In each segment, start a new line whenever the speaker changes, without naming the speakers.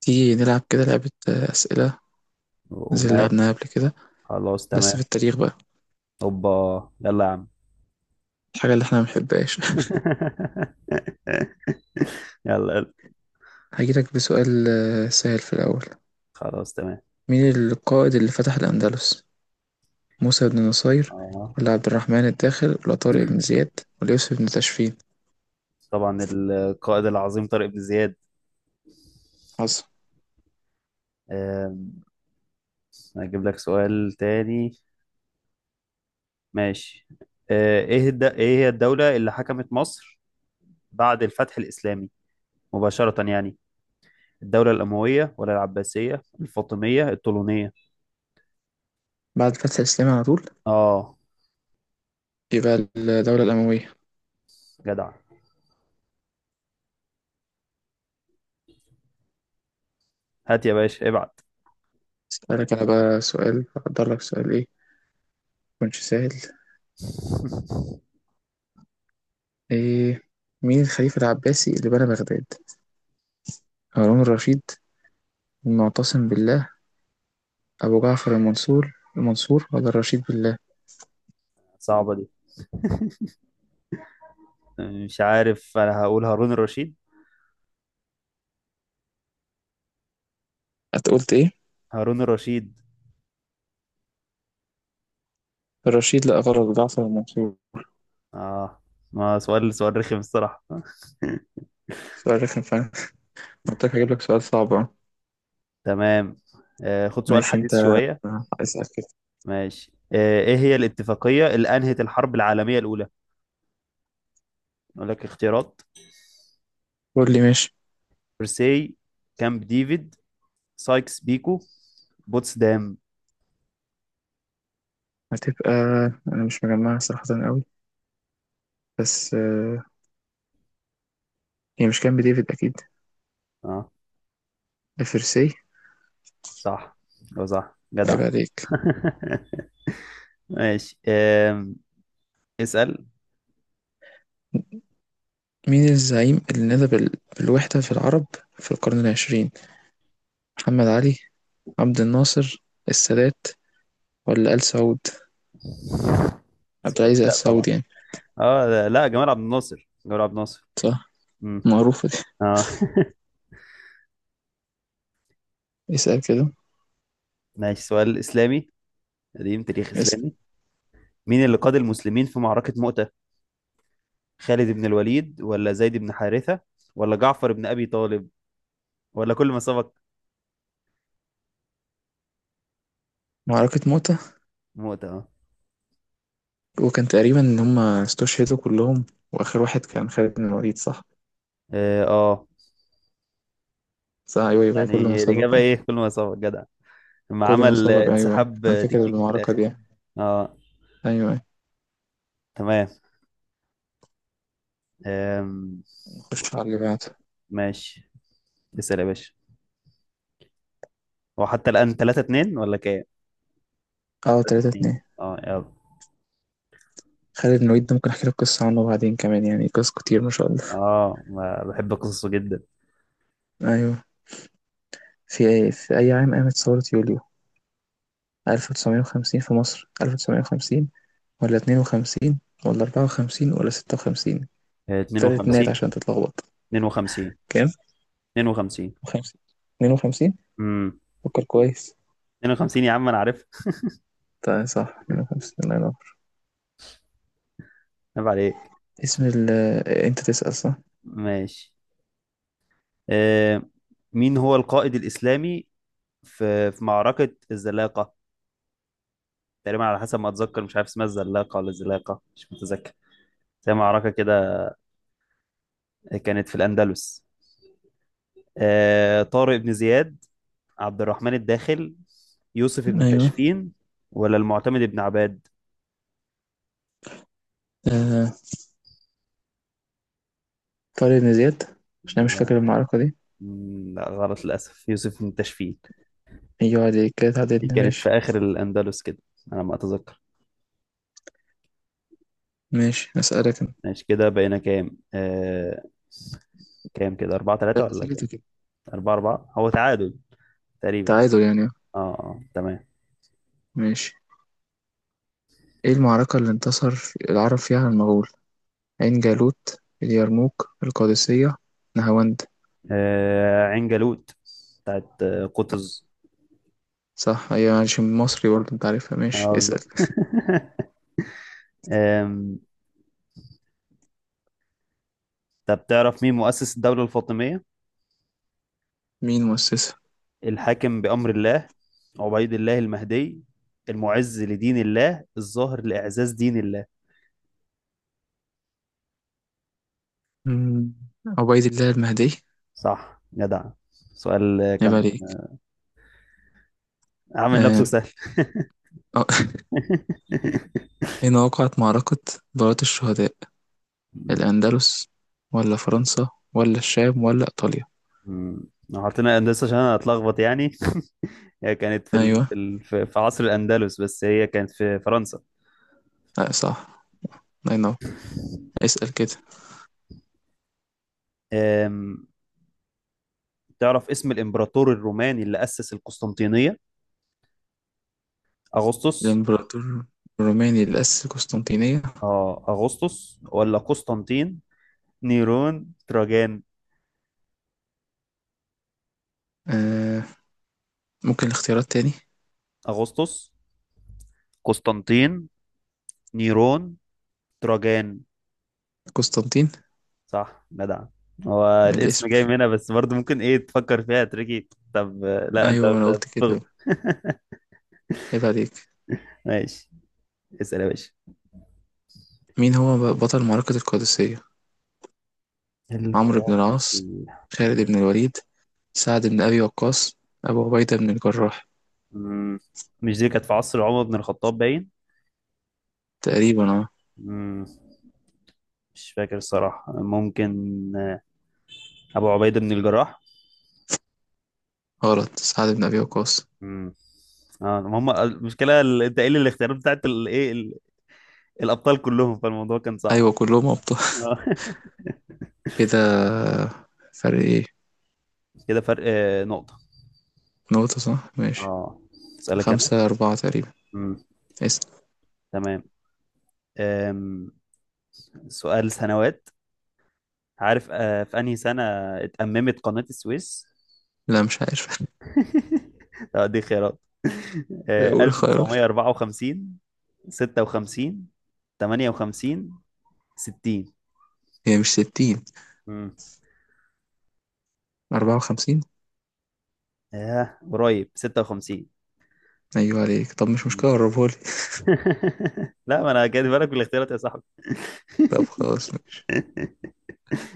تيجي نلعب كده لعبة أسئلة زي اللي
ومال.
لعبناها قبل كده،
خلاص،
بس
تمام.
في التاريخ بقى،
اوبا، يلا يا عم.
الحاجة اللي احنا ما بنحبهاش.
يلا يلا.
هجيلك بسؤال سهل في الأول.
خلاص، تمام.
مين القائد اللي فتح الأندلس؟ موسى بن نصير
اه،
ولا عبد الرحمن الداخل ولا طارق بن زياد ولا يوسف بن تاشفين؟
طبعا القائد العظيم طارق بن زياد.
حصل.
آم، هجيب لك سؤال تاني. ماشي. ايه هي الدولة اللي حكمت مصر بعد الفتح الإسلامي مباشرة يعني، الدولة الأموية ولا العباسية الفاطمية الطولونية؟
بعد فتح الإسلام على طول
اه،
يبقى الدولة الأموية.
جدع. هات يا باشا ابعت.
أسألك أنا بقى سؤال، أقدر لك سؤال إيه؟ مكنش سهل. إيه، مين الخليفة العباسي اللي بنى بغداد؟ هارون الرشيد، المعتصم بالله، أبو جعفر المنصور ولا الرشيد بالله؟
صعبة دي، مش عارف، انا هقول هارون الرشيد.
أنت قلت إيه؟
هارون الرشيد.
الرشيد؟ لا غلط، جعفر المنصور.
اه، ما سؤال سؤال رخم الصراحة.
سؤال رخم فعلا. قلت لك هجيب لك سؤال صعب أهو.
تمام. آه، خد سؤال
ماشي أنت،
حديث شوية.
اسأل كده.
ماشي. آه، ايه هي الاتفاقية اللي انهت الحرب العالمية الاولى؟ اقول لك اختيارات:
قول لي ماشي.
فرساي، كامب ديفيد، سايكس بيكو، بوتسدام.
هتبقى، أنا مش مجمعها صراحة أوي، بس هي مش كان بديفيد أكيد،
اه،
لفرسي.
صح. هو صح، جدع.
عيب عليك.
ماشي. اسأل.
مين الزعيم اللي نادى بالوحدة في العرب في القرن العشرين؟ محمد علي، عبد الناصر، السادات، ولا آل سعود؟ عبد العزيز آل
لا طبعا.
سعود يعني.
اه، لا، جمال عبد الناصر جمال عبد الناصر.
صح، معروفة دي.
اه.
اسأل كده.
ماشي، سؤال إسلامي قديم، تاريخ
اسم.
إسلامي. مين اللي قاد المسلمين في معركة مؤتة؟ خالد بن الوليد ولا زيد بن حارثة ولا جعفر بن أبي طالب ولا كل ما سبق؟
معركة موتة،
مؤتة، اه.
وكان تقريبا إن هما استشهدوا كلهم، وآخر واحد كان خالد بن الوليد، صح؟
اه، آه.
صح، أيوه أيوه، كل ما
يعني
سبق،
الإجابة إيه؟
أيوه.
كل ما سبق، جدع. لما
كل ما
عمل
سبق، أيوه أيوه،
انسحاب
أنا فاكر
تكتيكي في
المعركة
الآخر.
دي، أيوه
اه،
أيوه.
تمام. آم.
نخش على اللي بعده.
ماشي، اسأل يا باشا. هو حتى الآن 3 2 ولا كام؟
أه،
3
تلاتة
2،
اتنين.
اه يلا.
خالد بن الوليد ده ممكن أحكي لك قصة عنه بعدين كمان، يعني قصص كتير ما شاء الله.
اه، بحب قصصه جدا.
أيوه. في أي عام قامت ثورة يوليو؟ 1950 في مصر، 1950 ولا 52 ولا 54 ولا 56؟ تلات نات
52.
عشان تتلخبط.
52.
كام؟
52.
50، 52.
امم
فكر كويس.
52 يا عم انا عارف.
طيب صح 150، الله ينور.
عيب عليك.
اسم ال انت تسأل صح؟
ماشي. آه، مين هو القائد الإسلامي في معركة الزلاقة؟ تقريبا على حسب ما أتذكر، مش عارف اسمها الزلاقة ولا الزلاقة، مش متذكر. زي معركة كده، كانت في الأندلس. آه، طارق بن زياد، عبد الرحمن الداخل، يوسف بن
ايوه.
تاشفين، ولا المعتمد بن عباد؟
آه. طارق بن زياد، عشان انا مش
آه،
فاكر المعركة دي.
لا، غلط للأسف. يوسف بن تاشفين.
ايوه عليك كده،
دي
تعادلنا
كانت في
ماشي.
آخر الأندلس كده، على ما أتذكر.
ماشي، اسألك انا.
ماشي، كده بقينا كام كام كده، أربعة تلاتة
ثلاثة
ولا كام؟
ثلاثة كده،
أربعة أربعة، هو تعادل تقريبا.
تعادل يعني.
اه اه، تمام.
ماشي. ايه المعركة اللي انتصر العرب فيها على المغول؟ عين جالوت، اليرموك، القادسية، نهاوند؟
عين جالوت، بتاعت قطز.
صح، ايوه، عشان مصري برضه انت عارفها. ماشي،
اه،
اسأل.
بالظبط. آم، طب تعرف مين مؤسس الدولة الفاطمية؟
مين مؤسسها؟
الحاكم بأمر الله، عبيد الله المهدي، المعز لدين الله، الظاهر لإعزاز دين الله.
مم، عبيد الله المهدي.
صح، جدع. سؤال
عيب
كان
عليك.
عامل نفسه
آه.
سهل.
أه. أين وقعت معركة دارة الشهداء؟ الأندلس ولا فرنسا ولا الشام ولا إيطاليا؟
مم. حاطينها أندلس عشان أنا أتلخبط يعني. هي كانت في
أيوة،
في عصر الأندلس، بس هي كانت في فرنسا.
لا صح، الله ينور. اسأل كده.
أم... تعرف اسم الإمبراطور الروماني اللي أسس القسطنطينية؟ أغسطس.
الإمبراطور الروماني اللي أسس قسطنطينية؟
آه، أغسطس ولا قسطنطين، نيرون، تراجان؟
آه ممكن الاختيارات تاني؟
أغسطس، قسطنطين، نيرون، تراجان.
قسطنطين،
صح، جدع. هو
من
الاسم
الاسم.
جاي من هنا، بس برضه ممكن ايه تفكر فيها تريكي. طب لا،
أيوة، ما أنا قلت كده.
بتغلط.
عيب عليك.
ماشي، اسأل يا باشا.
مين هو بطل معركة القادسية؟ عمرو بن العاص،
القادسية،
خالد بن الوليد، سعد بن أبي وقاص، أبو عبيدة بن الجراح؟
مم. مش دي كانت في عصر عمر بن الخطاب باين؟
تقريبا، اه.
مم. مش فاكر الصراحة. ممكن أبو عبيدة بن الجراح.
غلط، سعد بن أبي وقاص.
مم. اه، هم المشكلة انت قايل الاختيارات بتاعت الايه، الأبطال كلهم، فالموضوع كان صعب.
أيوة كلهم أبطال.
آه.
كده فرق إيه؟
كده فرق نقطة.
نقطة صح ماشي.
اه، أسألك أنا.
خمسة أربعة تقريبا.
مم.
اسم
تمام. أم. سؤال سنوات. عارف في أنهي سنة اتأممت قناة السويس؟
لا مش عارف.
اه، دي خيارات. آه،
قول الخيارات.
1954، 56، 58، 60.
هي مش ستين،
مم.
أربعة وخمسين.
اه، قريب، 56.
أيوة عليك، طب مش مشكلة قربهولي.
لا، ما انا جاي بالك بالاختيارات يا صاحبي.
طب خلاص ماشي،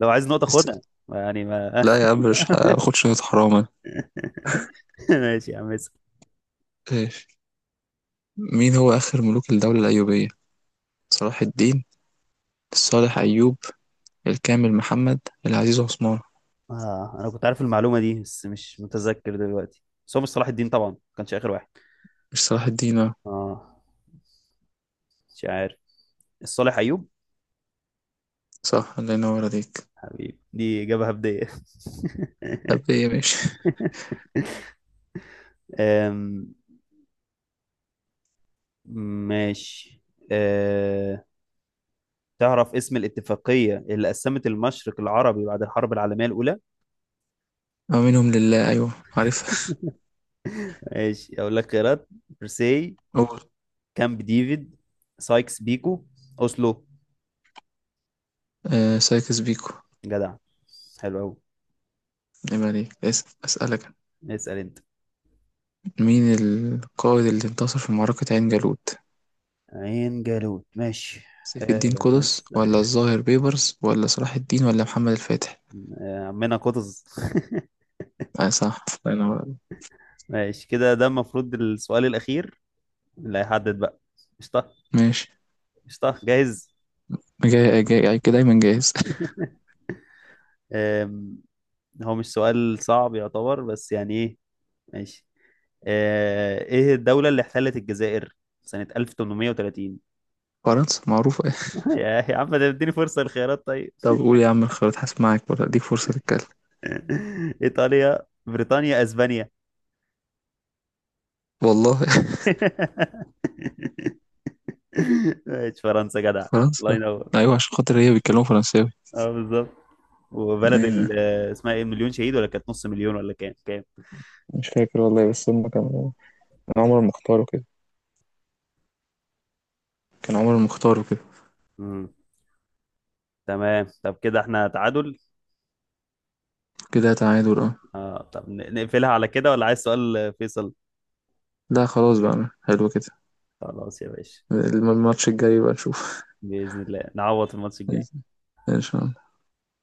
لو عايز نقطة
اسأل.
خدها، يعني ما.
لا يا عم مش هاخدش نقطة، حرام أنا.
ماشي يا عم، اسأل.
ماشي. مين هو آخر ملوك الدولة الأيوبية؟ صلاح الدين، الصالح أيوب، الكامل محمد، العزيز عثمان؟
اه، انا كنت عارف المعلومة دي بس مش متذكر دلوقتي. بس هو مش صلاح الدين طبعا، ما كانش اخر واحد.
مش صلاح الدين آه.
اه، مش عارف. الصالح ايوب.
صح، الله ينور عليك.
حبيبي، دي اجابة هبدية.
طب ايه ماشي.
أم، ماشي. أه... تعرف اسم الاتفاقية اللي قسمت المشرق العربي بعد الحرب العالمية الأولى؟
أو منهم لله، أيوة عارفها.
ماشي أقول لك خيارات: برساي،
قول.
كامب ديفيد، سايكس بيكو، أوسلو.
سايكس بيكو.
جدع، حلو أوي.
عيب عليك، أسألك.
اسأل أنت.
مين القائد اللي انتصر في معركة عين جالوت؟
عين جالوت، ماشي.
سيف الدين
آه، ما
قطز،
لسه.
ولا الظاهر بيبرس، ولا صلاح الدين، ولا محمد الفاتح؟
آه، عمنا قطز.
اه صح، الله ينور عليك.
ماشي، كده ده المفروض السؤال الأخير اللي هيحدد بقى. قشطة.
ماشي.
قشطة، جاهز.
جاي جاي جاي كده دايما جاهز.
آم، هو مش سؤال صعب يعتبر، بس يعني إيه. ماشي. آه، ايه الدولة اللي احتلت الجزائر سنة 1830؟
فرنسا معروفة.
يا عم، ده اديني فرصة الخيارات طيب.
طب قول يا عم الخيارات، هسمعك ولا اديك فرصة تتكلم؟
ايطاليا، بريطانيا، اسبانيا.
والله.
ماشي، فرنسا، جدع. الله
فرنسا.
ينور.
ايوه عشان خاطر هي بيتكلموا فرنساوي.
اه، بالظبط. وبلد
ايوه
اسمها ايه، مليون شهيد؟ ولا كانت نص مليون ولا كام كام؟
مش فاكر والله، بس هم
مم.
كانوا. كان عمر المختار وكده كان عمر المختار وكده.
مم. تمام. طب كده احنا تعادل.
كده تعادل، اه.
اه، طب نقفلها على كده ولا عايز سؤال فيصل؟
لا خلاص بقى، حلو كده.
خلاص يا باشا.
الماتش الجاي بقى نشوف.
بإذن الله نعوض في الماتش الجاي.
ان شاء الله.